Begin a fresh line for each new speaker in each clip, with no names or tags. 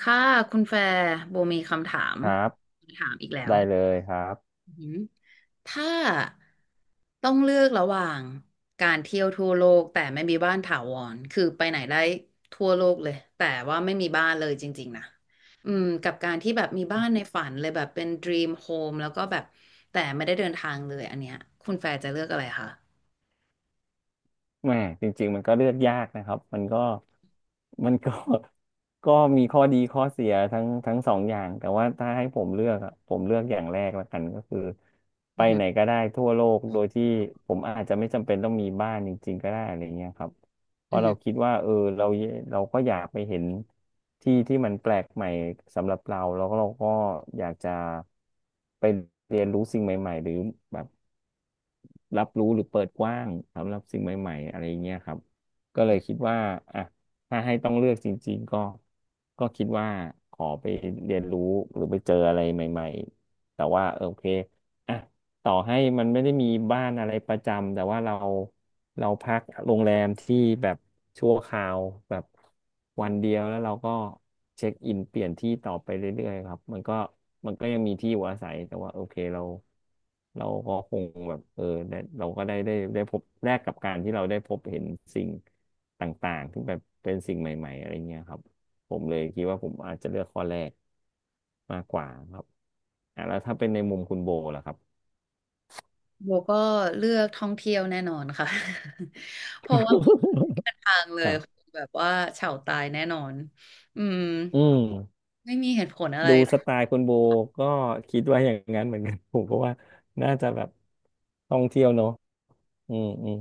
ค่ะคุณแฟร์โบมีคำถาม
ครับ
ถามอีกแล้ว
ได้เลยครับ
อือหือถ้าต้องเลือกระหว่างการเที่ยวทั่วโลกแต่ไม่มีบ้านถาวรคือไปไหนได้ทั่วโลกเลยแต่ว่าไม่มีบ้านเลยจริงๆนะอืมกับการที่แบบมีบ้านในฝันเลยแบบเป็น dream home แล้วก็แบบแต่ไม่ได้เดินทางเลยอันเนี้ยคุณแฟร์จะเลือกอะไรคะ
แหมจริงๆมันก็เลือกยากนะครับมันก็ ก็มีข้อดีข้อเสียทั้งสองอย่างแต่ว่าถ้าให้ผมเลือกอะผมเลือกอย่างแรกละกันก็คือไป
อือหื
ไหนก็ได้ทั่วโลกโดยที่ผมอาจจะไม่จำเป็นต้องมีบ้านจริงๆก็ได้อะไรเงี้ยครับเพราะเราคิ
อ
ดว่าเราเราก็อยากไปเห็นที่ที่มันแปลกใหม่สำหรับเราแล้วก็เราก็อยากจะไปเรียนรู้สิ่งใหม่ๆหรือแบบ รับรู้หรือเปิดกว้างสำหรับสิ่งใหม่ๆอะไรอย่างเงี้ยครับก็เลยคิดว่าอ่ะถ้าให้ต้องเลือกจริงๆก็ก็คิดว่าขอไปเรียนรู้หรือไปเจออะไรใหม่ๆแต่ว่าโอเคอ่ะ ต่อให้มันไม่ได้มีบ้านอะไรประจำแต่ว่าเราเราพักโรงแรมที่แบบชั่วคราวแบบวันเดียวแล้วเราก็เช็คอินเปลี่ยนที่ต่อไปเรื่อยๆครับมันก็ยังมีที่อยู่อาศัยแต่ว่าโอเคเราเราก็คงแบบได้เราก็ได้พบแลกกับการที่เราได้พบเห็นสิ่งต่างๆที่แบบเป็นสิ่งใหม่ๆอะไรเงี้ยครับผมเลยคิดว่าผมอาจจะเลือกข้อแรกมากกว่าครับอ่ะแล้วถ้าเป็นในมุมคุณโบล่ะครับ
โบก็เลือกท่องเที่ยวแน่นอนค่ะ เพราะว่าเด็นทางเล
ค
ย
รั
ค
บ
งแบบว่าเฉาตายแน่นอนอืม
อืม
ไม่มีเหตุผลอะไร
ดูสไตล์คุณโบก็คิดว่าอย่างนั้นเหมือนกัน ผมก็ว่าน่าจะแบบท่องเที่ยวเนอะอืมอืม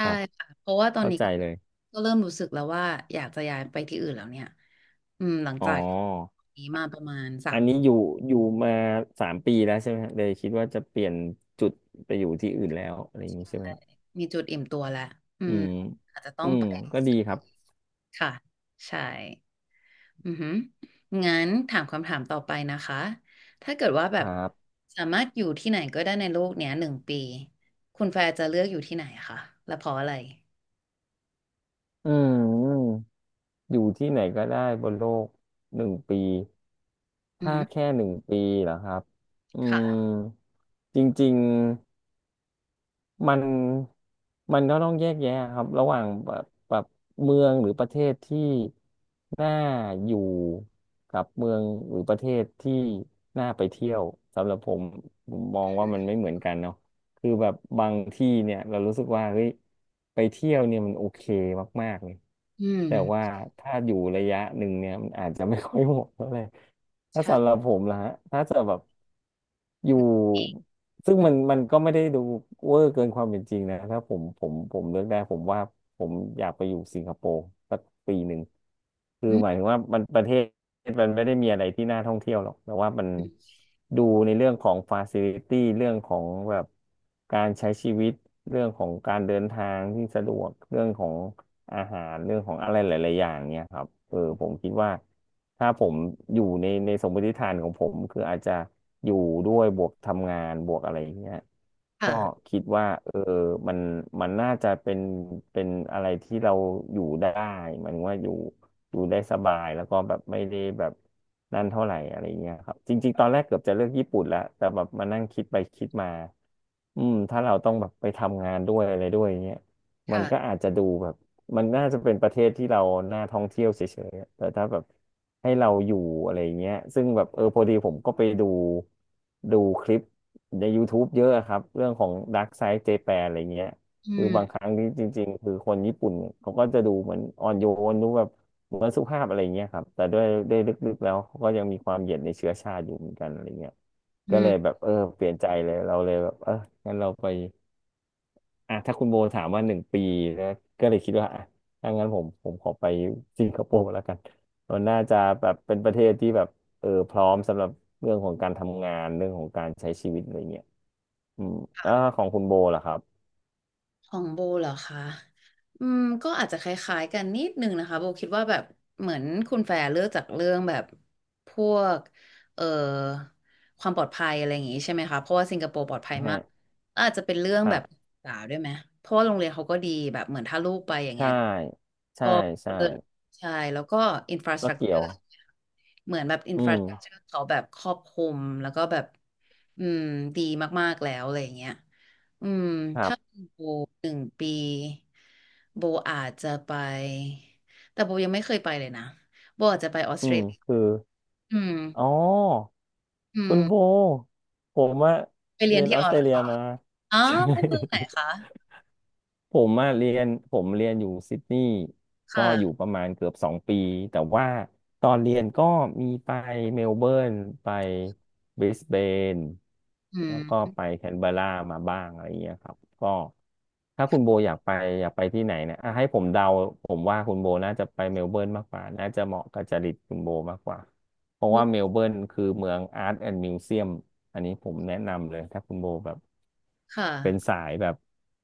ค
่
รับ
ค่ะเพราะว่าตอน
เข้า
นี้
ใจ
ก็
เลย
ก็เริ่มรู้สึกแล้วว่าอยากจะย้ายไปที่อื่นแล้วเนี่ยอืมหลัง
อ๋อ
จาก
อันนี้อยู่มา3 ปีแล้วใช่ไหมฮะเลยคิดว่าจะเปลี่ยนจุดไปอยู่ที่อื่นแล้วอะไรอย่างนี้ใช่ไหมฮะ
มีจุดอิ่มตัวแล้วอื
อื
ม
ม
อาจจะต้อ
อื
ง
ม
ไป
ก็ดีครับ
ค่ะ ใช่ อือหืองั้นถามคำถามต่อไปนะคะ ถ้าเกิดว่าแบ
ค
บ
รับ
สามารถอยู่ที่ไหนก็ได้ในโลกเนี้ยหนึ่งปี คุณแฟร์จะเลือกอยู่ที่ไหนคะและเพราะอะไร
อืมอยู่ที่ไหนก็ได้บนโลกหนึ่งปี
อือ
ถ้า
หือ
แค่1 ปีเหรอครับอืม
ค่ะ
จริงๆ มันมันก็ต้องแยกแยะครับระหว่างแบบแบบเมืองหรือประเทศที่น่าอยู่กับเมืองหรือประเทศที่น่าไปเที่ยวสำหรับผมผมมองว่ามันไม่เหมือนกันเนาะคือแบบบางที่เนี่ยเรารู้สึกว่าเฮ้ยไปเที่ยวเนี่ยมันโอเคมากๆเลย
อื
แต่ว่า
ม
ถ้าอยู่ระยะหนึ่งเนี่ยมันอาจจะไม่ค่อยเหมาะเท่าไหร่ถ้าสำห
ใช่
รับผมนะฮะถ้าจะแบบอยู่ ซึ่งมันก็ไม่ได้ดูเวอร์เกินความเป็นจริงนะถ้าผมเลือกได้ผมว่าผมอยากไปอยู่สิงคโปร์สัก1 ปีคือ
อืม
หมายถึงว่ามันประเทศมันไม่ได้มีอะไรที่น่าท่องเที่ยวหรอกแต่ว่ามันดูในเรื่องของฟาซิลิตี้เรื่องของแบบการใช้ชีวิตเรื่องของการเดินทางที่สะดวกเรื่องของ อาหารเรื่องของอะไรหลายๆอย่างเนี่ยครับผมคิดว่าถ้าผมอยู่ในสมมติฐานของผมคืออาจจะอยู่ด้วยบวกทำงานบวกอะไรอย่างเงี้ยก็
ค่ะ
คิดว่ามันมันน่าจะเป็นเป็นอะไรที่เราอยู่ได้หมายถึงว่าอยู่ได้สบายแล้วก็แบบไม่ได้แบบนั่นเท่าไหร่อะไรเงี้ยครับจริงๆตอนแรกเกือบจะเลือกญี่ปุ่นแล้วแต่แบบมานั่งคิดไปคิดมา ถ้าเราต้องแบบไปทำงานด้วยอะไรด้วยอย่างเงี้ยมันก็
ค่ะ
อาจจะดูแบบมันน่าจะเป็นประเทศที่เราน่าท่องเที่ยวเฉยๆอะแต่ถ้าแบบให้เราอยู่อะไรอย่างเงี้ยซึ่งแบบพอดีผมก็ไปดูคลิปใน YouTube เยอะอะครับเรื่องของ Dark Side Japan อะไรเงี้ย
อื
คือบางค
ม
รั้งที่จริงๆคือคนญี่ปุ่นเขาก็จะดูเหมือนอ่อนโยนดูแบบเหมือนสุภาพอะไรเงี้ยครับแต่ด้วยลึกๆแล้วเขาก็ยังมีความเหยียดในเชื้อชาติอยู่เหมือนกันอะไรเงี้ย ก็
อื
เลยแบ
ม
บเปลี่ยนใจเลยเราเลยแบบงั้นเราไปอ่ะถ้าคุณโบถามว่าหนึ่งปีนะก็เลยคิดว่าอ่ะถ้างั้นผมขอไปสิงคโปร์แล้วกันมันน่าจะแบบเป็นประเทศที่แบบพร้อมสำหรับเรื่องของการทำงานเรื่องของการใช้ชีวิตอะไรเงี้ยอืมอ่าของคุณโบล่ะครับ
ของโบเหรอคะอืมก็อาจจะคล้ายๆกันนิดนึงนะคะโบคิดว่าแบบเหมือนคุณแฟร์เลือกจากเรื่องแบบพวกเอ่อความปลอดภัยอะไรอย่างงี้ใช่ไหมคะ เพราะว่าสิงคโปร์ปลอดภัยมา
ฮะ
กอาจจะเป็นเรื่อง
ค
แบ
รับ
บสาวด้วยไหมเพราะว่าโรงเรียนเขาก็ดีแบบเหมือนถ้าลูกไปอย่างเงี้
ใช่
ย
ใช่
ก็
ใช่
เลิศใช่แล้วก็อินฟราสต
ก็
รักเจ
เกี่
อ
ยว
ร์เหมือนแบบอิน
อื
ฟรา
ม
สตรักเจอร์เขาแบบครอบคลุมแล้วก็แบบอืมดีมากๆแล้วอะไรอย่างเงี้ยอืม
ครั
ถ้า
บ
เป็นโบหนึ่งปีโบอาจจะไปแต่โบยังไม่เคยไปเลยนะโบอาจจะไปออสเตรเลีย
คือ
อืม
อ๋อ
อื
คุ
ม
ณโบผมว่า
ไปเรีย
เรี
น
ยน
ที่
ออ
อ
ส
อ
เตร
ส
เลียมา
อ๋อ
ใช่
ไปเมืองไหนคะ
ผมมาเรียนผมเรียนอยู่ซิดนีย์ก็อยู่
ค่ะ
ประมาณเกือบ2 ปีแต่ว่าตอนเรียนก็มีไปเมลเบิร์นไปบริสเบน
อื
แล้วก็
ม
ไปแคนเบอร์รามาบ้างอะไรอย่างเงี้ยครับก็ถ้าคุณโบอยากไปที่ไหนเนี่ยอ่ะให้ผมเดาผมว่าคุณโบน่าจะไปเมลเบิร์นมากกว่าน่าจะเหมาะกับจริตคุณโบมากกว่าเพราะว่าเมลเบิร์นคือเมืองอาร์ตแอนด์มิวเซียมอันนี้ผมแนะนำเลยถ้าคุณโบแบบ
ค่ะ
เป็นสายแบบ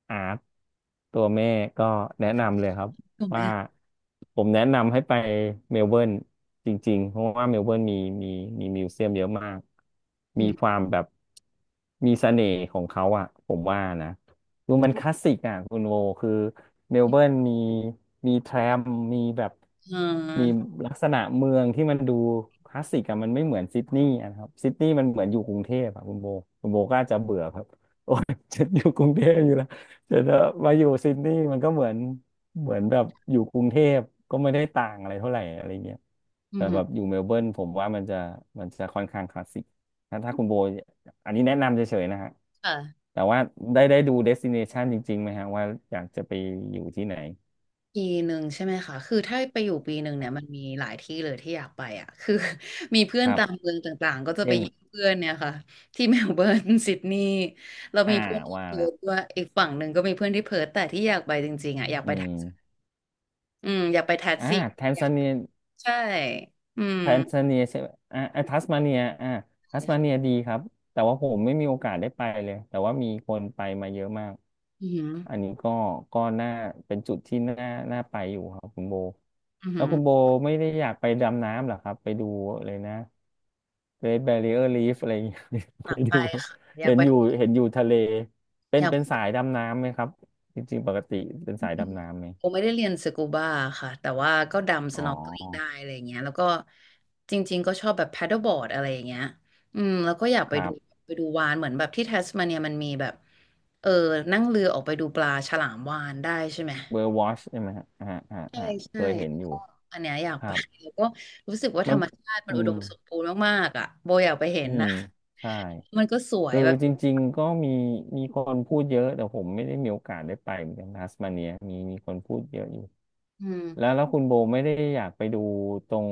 อาร์ตตัวแม่ก็แนะนำเลยครับ
ถูกไหม
ว่าผมแนะนำให้ไปเมลเบิร์นจริงๆเพราะว่าเมลเบิร์นมีมีมิวเซียมเยอะมาก
อื
มีค
ม
วามแบบมีเสน่ห์ของเขาอ่ะผมว่านะดูมันคลาสสิกอ่ะคุณโวคือเมลเบิร์นมีแทรมมีแบบ
อื
มี
ม
ลักษณะเมืองที่มันดูคลาสสิกอ่ะมันไม่เหมือนซิดนีย์อะนะครับซิดนีย์มันเหมือนอยู่กรุงเทพอ่ะคุณโบคุณโบก็อาจจะเบื่อครับ ฉันอยู่กรุงเทพอยู่แล้วแต่ถ้ามาอยู่ซิดนีย์มันก็เหมือนเหมือนแบบอยู่กรุงเทพก็ไม่ได้ต่างอะไรเท่าไหร่อะไรเงี้ย
อื
แต่แบ
ม
บอยู่เมลเบิร์นผมว่ามันจะค่อนข้างคลาสสิกถ้าคุณโบอันนี้แนะนำเฉยๆนะฮะ
ค่ะ
แต่ว่าได้ดูเดสติเนชันจริงๆไหมฮะว่าอยากจะไปอยู่ที่ไหน
ปีหนึ่งใช่ไหมคะคือถ้าไปอยู่ปีหนึ่งเนี่ยมันมีหลายที่เลยที่อยากไปอ่ะคือ มีเพื่อ
ค
น
รั
ตาม
บ
เมืองต่างๆก็จะไป
เช่น
เยี่ยมเพื่อนเนี่ยค่ะที่ เมลเบิร์นซิดนีย์เรา
อ่า
มีเพื่อนที่
ว่า
เพิ
ละ
ร์ธด้วยอีกฝั่งหนึ่งก็มีเพื่อนที่เพิร์ธแต่ที่อยากไปจริงๆอ่ะอยาก
อื
ไปแท็ก
ม
ซี่อืมอยากไปแท็ก
อ่า
ซี่
แทน
อยา
ซา
ก
เนีย
ใช่อืม
แทนซาเนียใช่ไหมอ่าอ่าทัสมาเนียอ่าทัสมาเนียดีครับแต่ว่าผมไม่มีโอกาสได้ไปเลยแต่ว่ามีคนไปมาเยอะมาก
อืมอหืม
อันนี้ก็ก็น่าเป็นจุดที่น่าน่าไปอยู่ครับคุณโบ
ออือ
แล้
หื
ว
อ
คุณโบไม่ได้อยากไปดำน้ำเหรอครับไปดูเลยนะ Great Barrier Reef อะไรอย่างเงี้ย
อ
ไป
ยากไป
ดูเ
ค่ะอยา
ห็
ก
น
ไป
อยู่เห็นอยู่ทะเลเป็
อ
น
ยาก
สายดำน้ำไหมครับจริงๆปกติเป็นสายดำน้ำไหม
ผมไม่ได้เรียนสกูบาค่ะแต่ว่าก็ดำส
อ๋อ
น็อกเกิลได้อะไรอย่างเงี้ยแล้วก็จริงๆก็ชอบแบบแพดเดิลบอร์ดอะไรอย่างเงี้ยอืมแล้วก็อยากไป
ครั
ดู
บ
ไปดูวาฬเหมือนแบบที่แทสมาเนียมันมีแบบเออนั่งเรือออกไปดูปลาฉลามวาฬได้ใช่ไหม
เบอร์วอชใช่ไหมฮะอ่าอ่า
ใช่
อ่าเค
ใช่
ยเห็นอยู่
ก็อันเนี้ยอยา
ค
ก
รั
ไป
บ
แล้วก็รู้สึกว่าธ
มั
ร
น
รมชาติมัน
อื
อุด
ม
มสมบูรณ์มากๆอ่ะโบอยากไปเห็
อื
น
ม
นะ
ใช่
มันก็สวย
คือ
แบบ
จริงๆก็มีคนพูดเยอะแต่ผมไม่ได้มีโอกาสได้ไปเหมือนกันทัสมาเนียมีคนพูดเยอะอยู่
อื
แล้ว
ม
คุณโบไม่ได้อยากไปดูตรง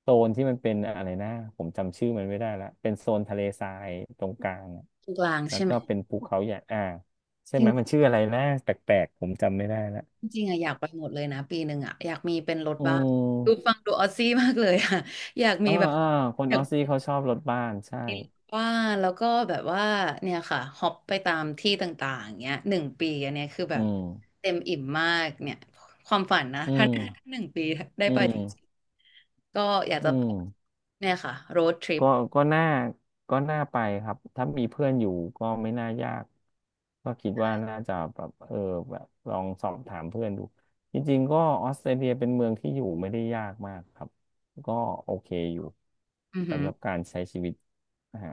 โซนที่มันเป็นอะไรนะผมจำชื่อมันไม่ได้ละเป็นโซนทะเลทรายตรงกลางอะ
ตรงกลาง
แล้ว
ใช่ไหม
ก็เป็นภูเขาใหญ่อ่าใช่ไหมมันชื่ออะไรนะแปลกๆผมจำไม่ได้ละ
จริงๆอะอยากไปหมดเลยนะปีหนึ่งอะอยากมีเป็นรถ
อื
บ้านดูฟั
ม
งดูออซซี่มากเลยอะ อยากมี
อ่า
แบบ
อ่าคน
อ
อ
ยาก
อสซี่เขาชอบรถบ้านใช่
บ้านแล้วก็แบบว่าเนี่ยค่ะฮอปไปตามที่ต่างๆเงี้ยหนึ่งปีอันเนี้ยคือแบ
อื
บ
ม
เต็มอิ่มมากเนี่ยความฝันนะ
อื
ถ้า
ม
ถ้าหนึ่งปีได้
อื
ไปจริง
ม
ๆก็อยาก
อื
จะไป
ม
เนี่ยค่ะโรดทริป
ก็น่าไปครับถ้ามีเพื่อนอยู่ก็ไม่น่ายากก็คิดว่าน่าจะแบบเออแบบลองสอบถามเพื่อนดูจริงๆก็ออสเตรเลียเป็นเมืองที่อยู่ไม่ได้ยากมากครับก็โอเคอยู่
อือหื
สำ
อ
หรับการใช้ชีวิตนะฮะ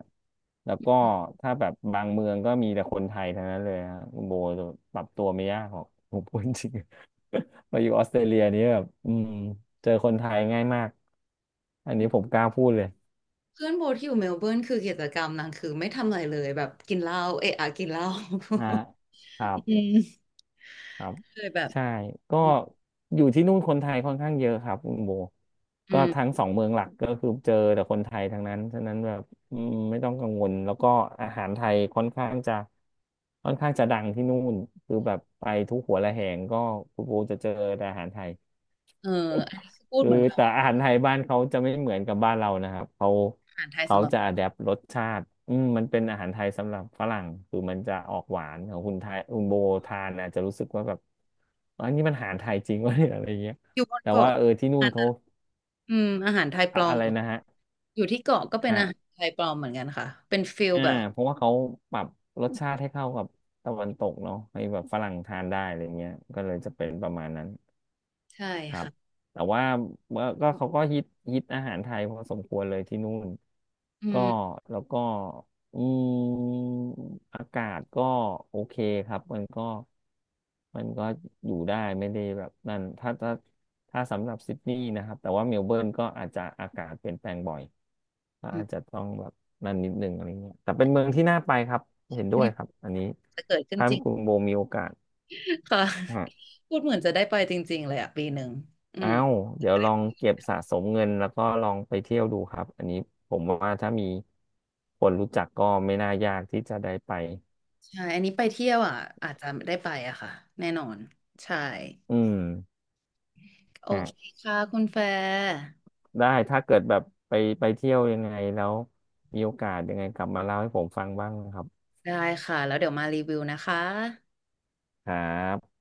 แล้วก็ถ้าแบบบางเมืองก็มีแต่คนไทยทั้งนั้นเลยฮะคุณโบจะปรับตัวไม่ยากหรอกผมพูดจริง มาอยู่ออสเตรเลียนี้แบบเจอคนไทยง่ายมากอันนี้ผมกล้าพูดเลย
เพื่อนโบที่อยู่เมลเบิร์นคือกิจกรรมนางคือไม่ทำอะไรเลยแบบกินเหล้าเอะอะกินเหล้า
ฮะครับ
อืม
ครับ
เคยแบบ
ใช่ก็อยู่ที่นู่นคนไทยค่อนข้างเยอะครับคุณโบ
อื
ก็ทั้
ม
งสองเมืองหลักก็คือเจอแต่คนไทยทั้งนั้นฉะนั้นแบบอืมไม่ต้องกังวลแล้วก็อาหารไทยค่อนข้างจะดังที่นู่นคือแบบไปทุกหัวระแหงก็คุณโบจะเจอแต่อาหารไทย
เอออันนี้คือพู ด
คือ
เหมือนแบบ
แต่อาหารไทยบ้านเขาจะไม่เหมือนกับบ้านเรานะครับเขา
อาหารไทยสำหรับ
จะอ d แ p t รสชาติมันเป็นอาหารไทยสำหรับฝรั่งคือมันจะออกหวานของคุณไทยคุณโบทานอาจจะรู้สึกว่าแบบอันนี้มันอาหารไทยจริงวะ เนี่ยอะไรเงี้ย
อยู่บน
แต่ว่า
เกาะ
เออที่นู่นเขา
อืมอาหารไทยป
อะ
ลอ
อะ
ม
ไรนะฮะ
อยู่ที่เกาะก็เป็น
ฮะ
อาหารไทยปลอมเหมือนกันค่ะเป็นฟิล
อ่า
แบบ
เพราะว่าเขาปรับรสชาติให้เข้ากับตะวันตกเนาะให้แบบฝรั่งทานได้อะไรเงี้ยก็เลยจะเป็นประมาณนั้น
ใช่
ครับ
ค่ะ
แต่ว่าเมื่อก็เขาก็ฮิตอาหารไทยพอสมควรเลยที่นู่น
อื
ก็
ม
แล้วก็อืมอากาศก็โอเคครับมันก็มันก็อยู่ได้ไม่ได้แบบนั่นถ้าสำหรับซิดนีย์นะครับแต่ว่าเมลเบิร์นก็อาจจะอากาศเปลี่ยนแปลงบ่อยก็
อื
อาจ
ม
จะต้องแบบนั่นนิดนึงอะไรเงี้ยแต่เป็นเมืองที่น่าไปครับเห็น
อั
ด้
น
วย
นี้
ครับอันนี้
จะเกิดขึ้น
ถ้า
จริง
คุณโบมีโอกาส
ค่ะพูดเหมือนจะได้ไปจริงๆเลยอ่ะปีหนึ่งอื
เอ้า
ม
วเดี๋ยวลองเก็บสะสมเงินแล้วก็ลองไปเที่ยวดูครับอันนี้ผมว่าถ้ามีคนรู้จักก็ไม่น่ายากที่จะได้ไป
ใช่อันนี้ไปเที่ยวอ่ะอาจจะได้ไปอ่ะค่ะแน่นอนใช่
อืม
โอ
ฮะ
เคค่ะคุณแฟร์
ได้ถ้าเกิดแบบไปเที่ยวยังไงแล้วมีโอกาสยังไงกลับมาเล่าให้ผมฟังบ้างนะครับ
ได้ค่ะแล้วเดี๋ยวมารีวิวนะคะ
ครับ